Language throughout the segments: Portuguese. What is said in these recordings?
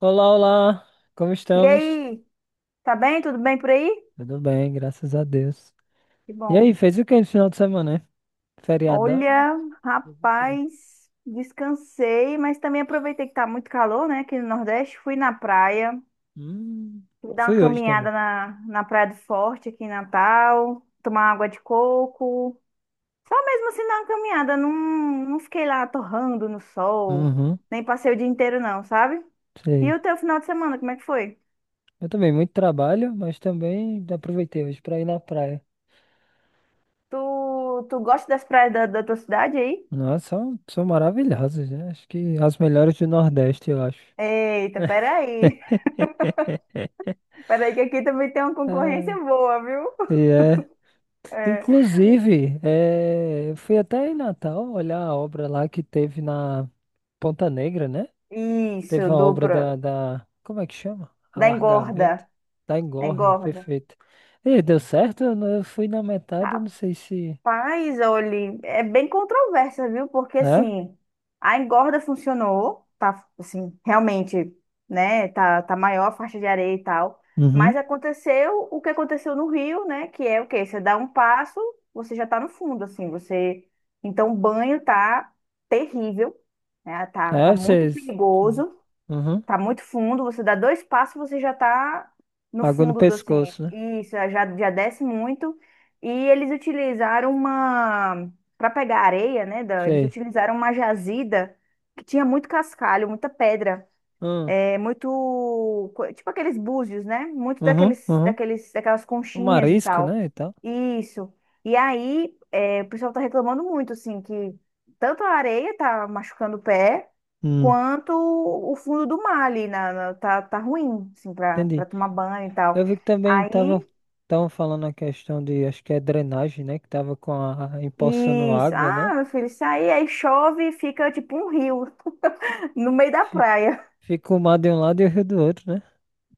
Olá, olá, como E estamos? aí, tá bem? Tudo bem por aí? Tudo bem, graças a Deus. Que E bom. aí, fez o que no final de semana, né? Feriadão? Olha, Fez o quê? rapaz, descansei, mas também aproveitei que tá muito calor, né, aqui no Nordeste. Fui na praia, Hum, fui dar uma fui hoje também. caminhada na Praia do Forte, aqui em Natal, tomar água de coco. Só mesmo assim dar uma caminhada, não, não fiquei lá torrando no sol, Uhum, nem passei o dia inteiro não, sabe? E sei. o teu final de semana, como é que foi? Eu também, muito trabalho, mas também aproveitei hoje pra ir na praia. Tu, tu gosta das praias da tua cidade aí? Nossa, são maravilhosas, né? Acho que as melhores do Nordeste, eu acho. Eita, peraí. Peraí, que aqui também tem uma concorrência É, boa, viu? e é. É. Inclusive, eu fui até em Natal olhar a obra lá que teve na Ponta Negra, né? Teve Isso, uma obra da, dupla. da... Como é que chama? Da engorda. Alargamento da Da engorda, engorda. perfeito. E deu certo? Eu não- eu fui na metade, eu não sei se... Rapaz, olha, é bem controversa, viu? Porque É? assim, a engorda funcionou, tá assim, realmente, né? Tá maior a faixa de areia e tal. Uhum. Mas aconteceu o que aconteceu no Rio, né? Que é o quê? Você dá um passo, você já tá no fundo, assim, você. Então, o banho tá terrível, né? Tá É, muito vocês... perigoso. Uhum. Tá muito fundo, você dá dois passos, você já tá no Água no fundo do assim. pescoço, né? Isso, já, já desce muito. E eles utilizaram uma. Para pegar areia, né? Eles Sei. utilizaram uma jazida que tinha muito cascalho, muita pedra. Hum. É muito, tipo aqueles búzios, né? Muito Uhum, uhum. Daquelas O conchinhas e marisco, tal. né, e tal. Isso. E aí, é, o pessoal tá reclamando muito, assim, que tanto a areia tá machucando o pé, Hum. quanto o fundo do mar ali, tá ruim, assim, pra Entendi. tomar banho e Eu tal. vi que também Aí, estavam falando a questão de, acho que é drenagem, né, que tava com a, empoçando isso. água, né? Ah, meu filho, isso aí, aí chove e fica tipo um rio no meio da Fica, praia. fica o mar de um lado e o rio do outro, né?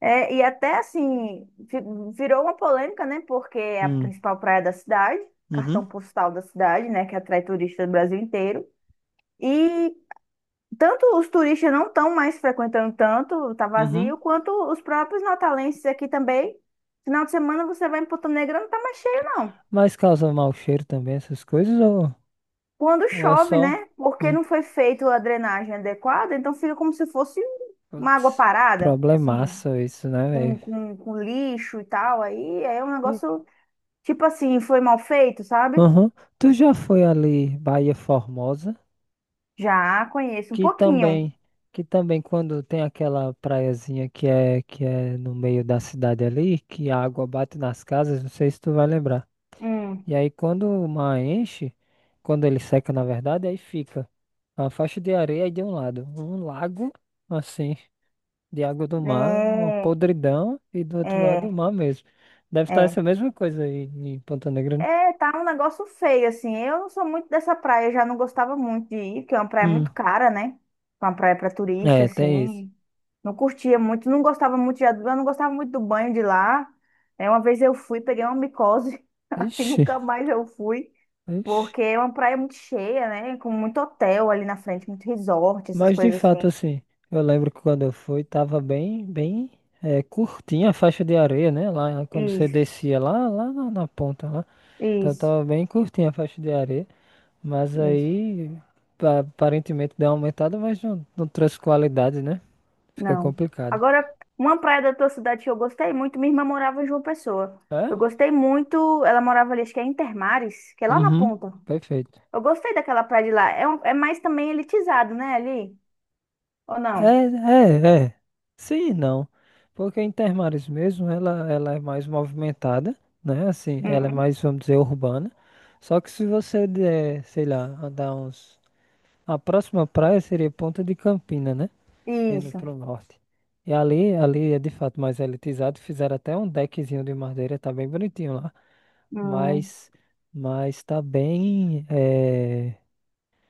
É, e até assim, virou uma polêmica, né? Porque é a Hum. principal praia da cidade, Uhum. cartão postal da cidade, né? Que atrai turistas do Brasil inteiro. E tanto os turistas não estão mais frequentando tanto, tá Uhum. vazio, quanto os próprios natalenses aqui também. Final de semana você vai em Ponta Negra, não tá mais cheio, não. Mas causa mau cheiro também, essas coisas, Quando ou é chove, só né? Porque hum, não foi feita a drenagem adequada, então fica como se fosse uma água putz, parada, assim, problemaço isso, né, com, velho? com, com lixo e tal. Aí é um Hum, negócio. Tipo assim, foi mal feito, sabe? Aham. Tu já foi ali, Bahia Formosa, Já conheço um que pouquinho. também, que também quando tem aquela praiazinha que é no meio da cidade ali, que a água bate nas casas, não sei se tu vai lembrar. Hum, E aí quando o mar enche, quando ele seca, na verdade, aí fica uma faixa de areia aí de um lado, um lago, assim, de água do mar, uma é, podridão, e do outro lado o é, mar mesmo. Deve estar é. essa mesma coisa aí em Ponta Negra, né? É, tá um negócio feio, assim. Eu não sou muito dessa praia, já não gostava muito de ir, porque é uma praia Hum, muito cara, né? É uma praia pra turista, é, tem isso. assim. Não curtia muito, não gostava muito de, eu não gostava muito do banho de lá. É, uma vez eu fui, peguei uma micose, aí Ixi, nunca mais eu fui, ixi. porque é uma praia muito cheia, né? Com muito hotel ali na frente, muito resort, essas Mas de coisas fato, assim. assim, eu lembro que quando eu fui, tava bem é, curtinha a faixa de areia, né? Lá quando você Isso, descia lá, lá na ponta lá. Então isso. tava bem curtinha a faixa de areia. Mas Isso, aí aparentemente deu uma aumentada, mas não, não trouxe qualidade, né? Fica não. complicado. Agora, uma praia da tua cidade que eu gostei muito, minha irmã morava em João Pessoa. Eu É? gostei muito, ela morava ali, acho que é em Termares, que é lá na Uhum. ponta. Perfeito. Eu gostei daquela praia de lá. É, é mais também elitizado, né, ali? Ou não? É. Sim, e não. Porque a Intermares mesmo, ela é mais movimentada, né? Assim, ela é Uhum. mais, vamos dizer, urbana. Só que se você der, sei lá, andar uns. A próxima praia seria Ponta de Campina, né? Indo Isso. pro norte. E ali é de fato mais elitizado. Fizeram até um deckzinho de madeira, tá bem bonitinho lá. Hum. Mas, mas tá bem. É,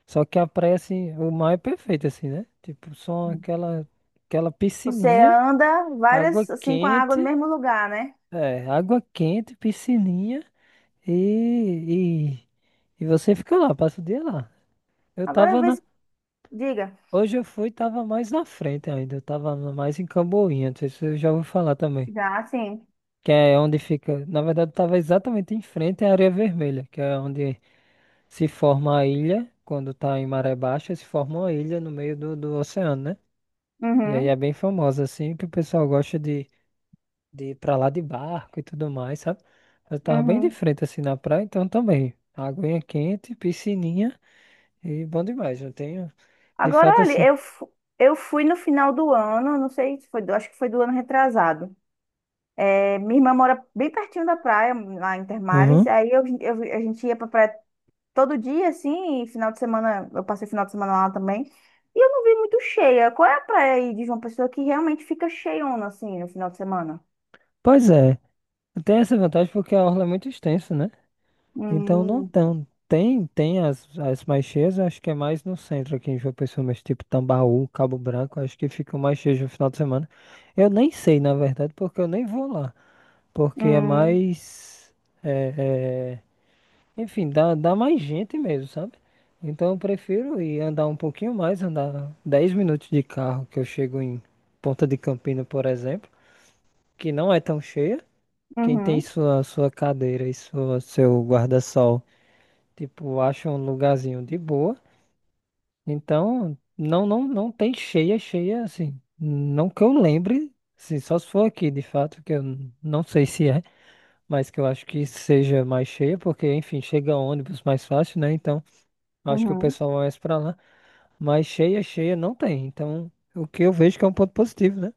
só que a praia, assim, o mar é perfeito, assim, né? Tipo, só aquela Você piscininha, anda água várias, assim, com a água quente, no mesmo lugar, né? é, água quente, piscininha e, e você fica lá, passa o dia lá. Eu Agora, tava vê na. se. Diga. Hoje eu fui, tava mais na frente ainda, mais em Camboinha, não sei se eu já ouvi falar também. Já, sim. Que é onde fica, na verdade, eu tava exatamente em frente à Areia Vermelha, que é onde se forma a ilha, quando tá em maré baixa, se forma uma ilha no meio do oceano, né? E aí é Uhum, bem famosa, assim, que o pessoal gosta de ir pra lá de barco e tudo mais, sabe? Eu tava bem de uhum. frente, assim, na praia, então também. Aguinha quente, piscininha e bom demais. Eu tenho, de Agora, fato, olha, assim. Eu fui no final do ano, não sei se foi, acho que foi do ano retrasado. É, minha irmã mora bem pertinho da praia, lá em Termares. Uhum. Aí a gente ia pra praia todo dia, assim, e final de semana, eu passei final de semana lá também. E eu não vi muito cheia. Qual é a praia aí de João Pessoa que realmente fica cheiona, assim, no final de semana? Pois é, tem essa vantagem porque a orla é muito extensa, né? Então não Hum, tão. Tem as, as mais cheias, eu acho que é mais no centro aqui em João Pessoa, mas tipo Tambaú, Cabo Branco, acho que ficam mais cheias no final de semana. Eu nem sei, na verdade, porque eu nem vou lá. Porque é hum, mais. É, enfim, dá mais gente mesmo, sabe? Então eu prefiro ir andar um pouquinho mais, andar 10 minutos de carro, que eu chego em Ponta de Campina, por exemplo, que não é tão cheia. Quem tem uhum, sua cadeira e seu guarda-sol, tipo, acha um lugarzinho de boa. Então, não tem cheia, cheia assim. Não que eu lembre, assim, só se for aqui, de fato, que eu não sei se é. Mas que eu acho que seja mais cheia, porque, enfim, chega ônibus mais fácil, né? Então, acho que o uhum. pessoal vai mais pra lá. Mas cheia, cheia não tem. Então, o que eu vejo que é um ponto positivo, né?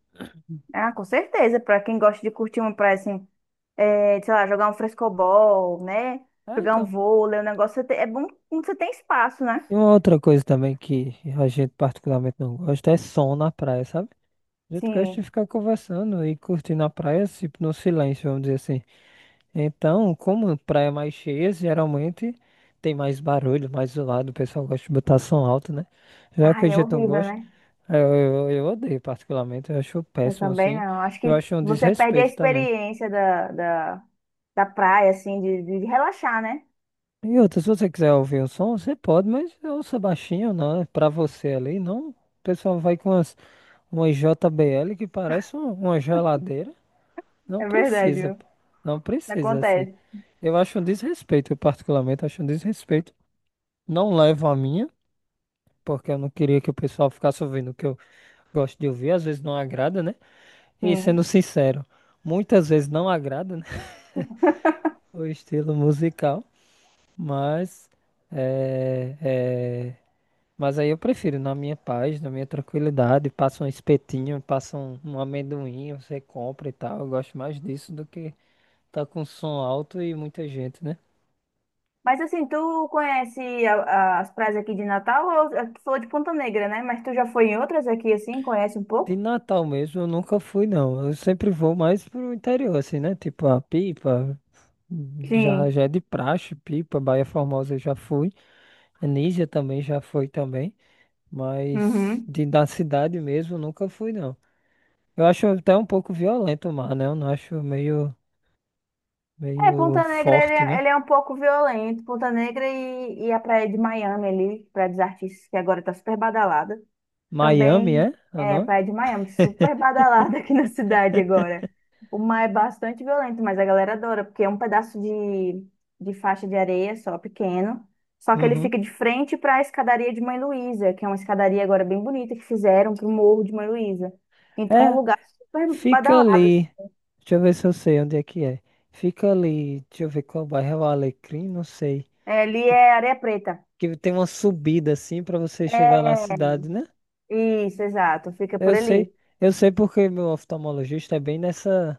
Ah, com certeza, pra quem gosta de curtir uma praia, assim, é, sei lá, jogar um frescobol, né? Ah, Jogar um então. vôlei, o negócio, é bom quando você tem espaço, né? E uma outra coisa também que a gente particularmente não gosta é som na praia, sabe? A gente gosta de Sim. ficar conversando e curtindo a praia, tipo, no silêncio, vamos dizer assim. Então, como praia é mais cheia, geralmente tem mais barulho, mais zoado, o pessoal gosta de botar som alto, né? Já que a Ai, é gente não horrível, gosta. né? É, eu odeio particularmente, eu acho Eu péssimo também assim. não. Acho Eu que acho um você perde a desrespeito também. experiência da praia, assim, de relaxar, né? E outra, se você quiser ouvir um som, você pode, mas ouça baixinho, não, é pra você ali, não. O pessoal vai com umas, uma JBL que parece uma geladeira. Não É verdade, precisa, viu? pô. Não precisa, assim. Acontece. Eu acho um desrespeito, eu particularmente acho um desrespeito. Não levo a minha, porque eu não queria que o pessoal ficasse ouvindo o que eu gosto de ouvir, às vezes não agrada, né? E sendo Sim. sincero, muitas vezes não agrada, o estilo musical, mas é, é, mas aí eu prefiro na minha paz, na minha tranquilidade, passa um espetinho, passa um amendoim, você compra e tal. Eu gosto mais disso do que tá com som alto e muita gente, né? Mas assim, tu conhece as praias aqui de Natal? Ou, tu falou de Ponta Negra, né? Mas tu já foi em outras aqui, assim? Conhece um De pouco? Natal mesmo eu nunca fui não. Eu sempre vou mais pro interior assim, né? Tipo a Pipa, já Sim. já é de praxe, Pipa, Baía Formosa eu já fui. Anísia também já foi também. Mas Uhum. de da cidade mesmo, eu nunca fui, não. Eu acho até um pouco violento o mar, né? Eu não acho É, meio Ponta Negra, ele forte, é, né? ele é um pouco violento. Ponta Negra e a praia de Miami ali, praia dos artistas, que agora tá super badalada. Miami, Também é? É o é nome? Praia de Miami, super badalada aqui na cidade agora. O mar é bastante violento, mas a galera adora, porque é um pedaço de faixa de areia só, pequeno. Só que ele Uhum. fica de frente para a escadaria de Mãe Luísa, que é uma escadaria agora bem bonita que fizeram para o Morro de Mãe Luísa. Então, é um É, lugar super fica badalado, ali. assim. Deixa eu ver se eu sei onde é que é. Fica ali, deixa eu ver qual bairro é o Alecrim, não sei. É, ali Que, é Areia Preta. que tem uma subida assim pra você chegar na É, cidade, né? isso, exato, fica por Eu ali. sei, eu sei porque meu oftalmologista é bem nessa,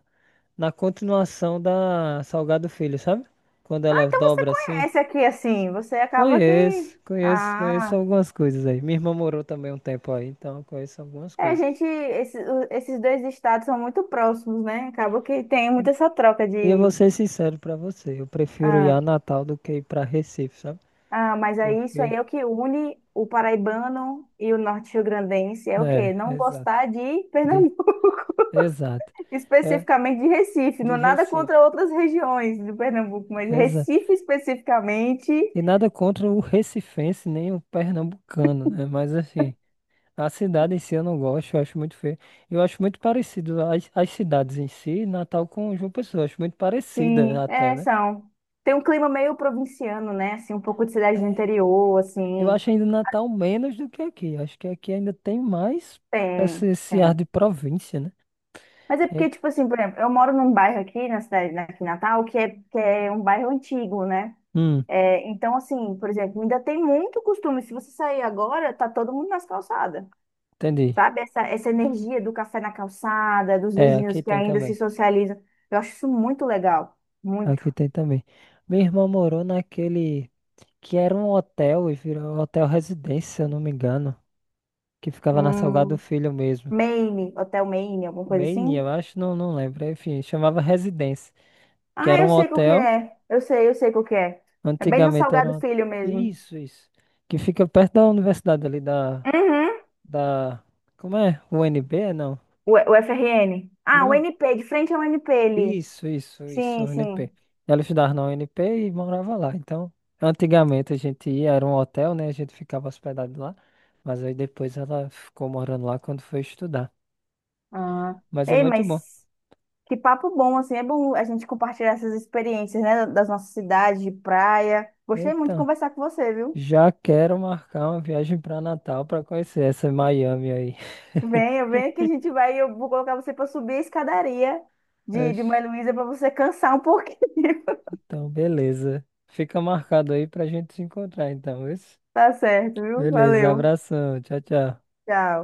na continuação da Salgado Filho, sabe? Quando Ah, ela então você dobra assim. conhece aqui, assim, você acaba que. Conheço Ah. algumas coisas aí. Minha irmã morou também um tempo aí, então eu conheço algumas É, a coisas. gente, esses dois estados são muito próximos, né? Acaba que tem muita essa troca E eu vou de, ser sincero pra você, eu prefiro ir ah, a Natal do que ir pra Recife, sabe? Mas aí isso Porque, aí é o que une o paraibano e o norte-riograndense, é o quê? é, Não exato. gostar de De, Pernambuco, exato. É, especificamente de Recife, de não nada Recife, contra outras regiões do Pernambuco, mas exato. Recife especificamente, E nada contra o recifense nem o pernambucano, né? Mas assim, a cidade em si eu não gosto, eu acho muito feio. Eu acho muito parecido as cidades em si, Natal com João Pessoa, eu acho muito parecida sim, até, é, né? são. Tem um clima meio provinciano, né? Assim, um pouco de cidade do É, interior, eu assim, acho ainda Natal menos do que aqui. Acho que aqui ainda tem mais tem. esse ar tem. de província, né? Mas é porque, É- tipo assim, por exemplo, eu moro num bairro aqui na cidade, né, aqui em Natal, que é um bairro antigo, né? hum, É, então, assim, por exemplo, ainda tem muito costume. Se você sair agora, tá todo mundo nas calçadas, entendi. sabe? Essa energia do café na calçada, dos É, vizinhos aqui que tem ainda se também. socializam. Eu acho isso muito legal. Muito. Aqui tem também. Minha irmã morou naquele que era um hotel e virou hotel residência, se eu não me engano, que ficava na Salgado Hum, Filho mesmo. Maine, Hotel Maine, alguma coisa Meini, eu assim. acho, não lembro. Enfim, chamava residência, que Ah, era um eu sei qual que hotel. é. Eu sei qual que é. É bem no Antigamente era Salgado um... Filho mesmo. Isso, isso. Que fica perto da universidade ali Uhum. da... Como é? UNB? Não. O FRN. Ah, o Não, NP, de frente ao NP ali. Isso, Sim, sim. UNP. Ela estudava na UNP e morava lá. Então, antigamente a gente ia, era um hotel, né? A gente ficava hospedado lá. Mas aí depois ela ficou morando lá quando foi estudar. Ah. Mas é Ei, muito bom. mas que papo bom, assim. É bom a gente compartilhar essas experiências, né? Das nossas cidades, de praia. Gostei muito de Então, conversar com você, viu? já quero marcar uma viagem para Natal para conhecer essa Miami aí. Venha, venha que a gente vai. Eu vou colocar você para subir a escadaria de Mãe Oxe, Luísa para você cansar um pouquinho. então, beleza. Fica marcado aí pra gente se encontrar, então, isso? Tá certo, viu? Beleza, Valeu. abração. Tchau, tchau. Tchau.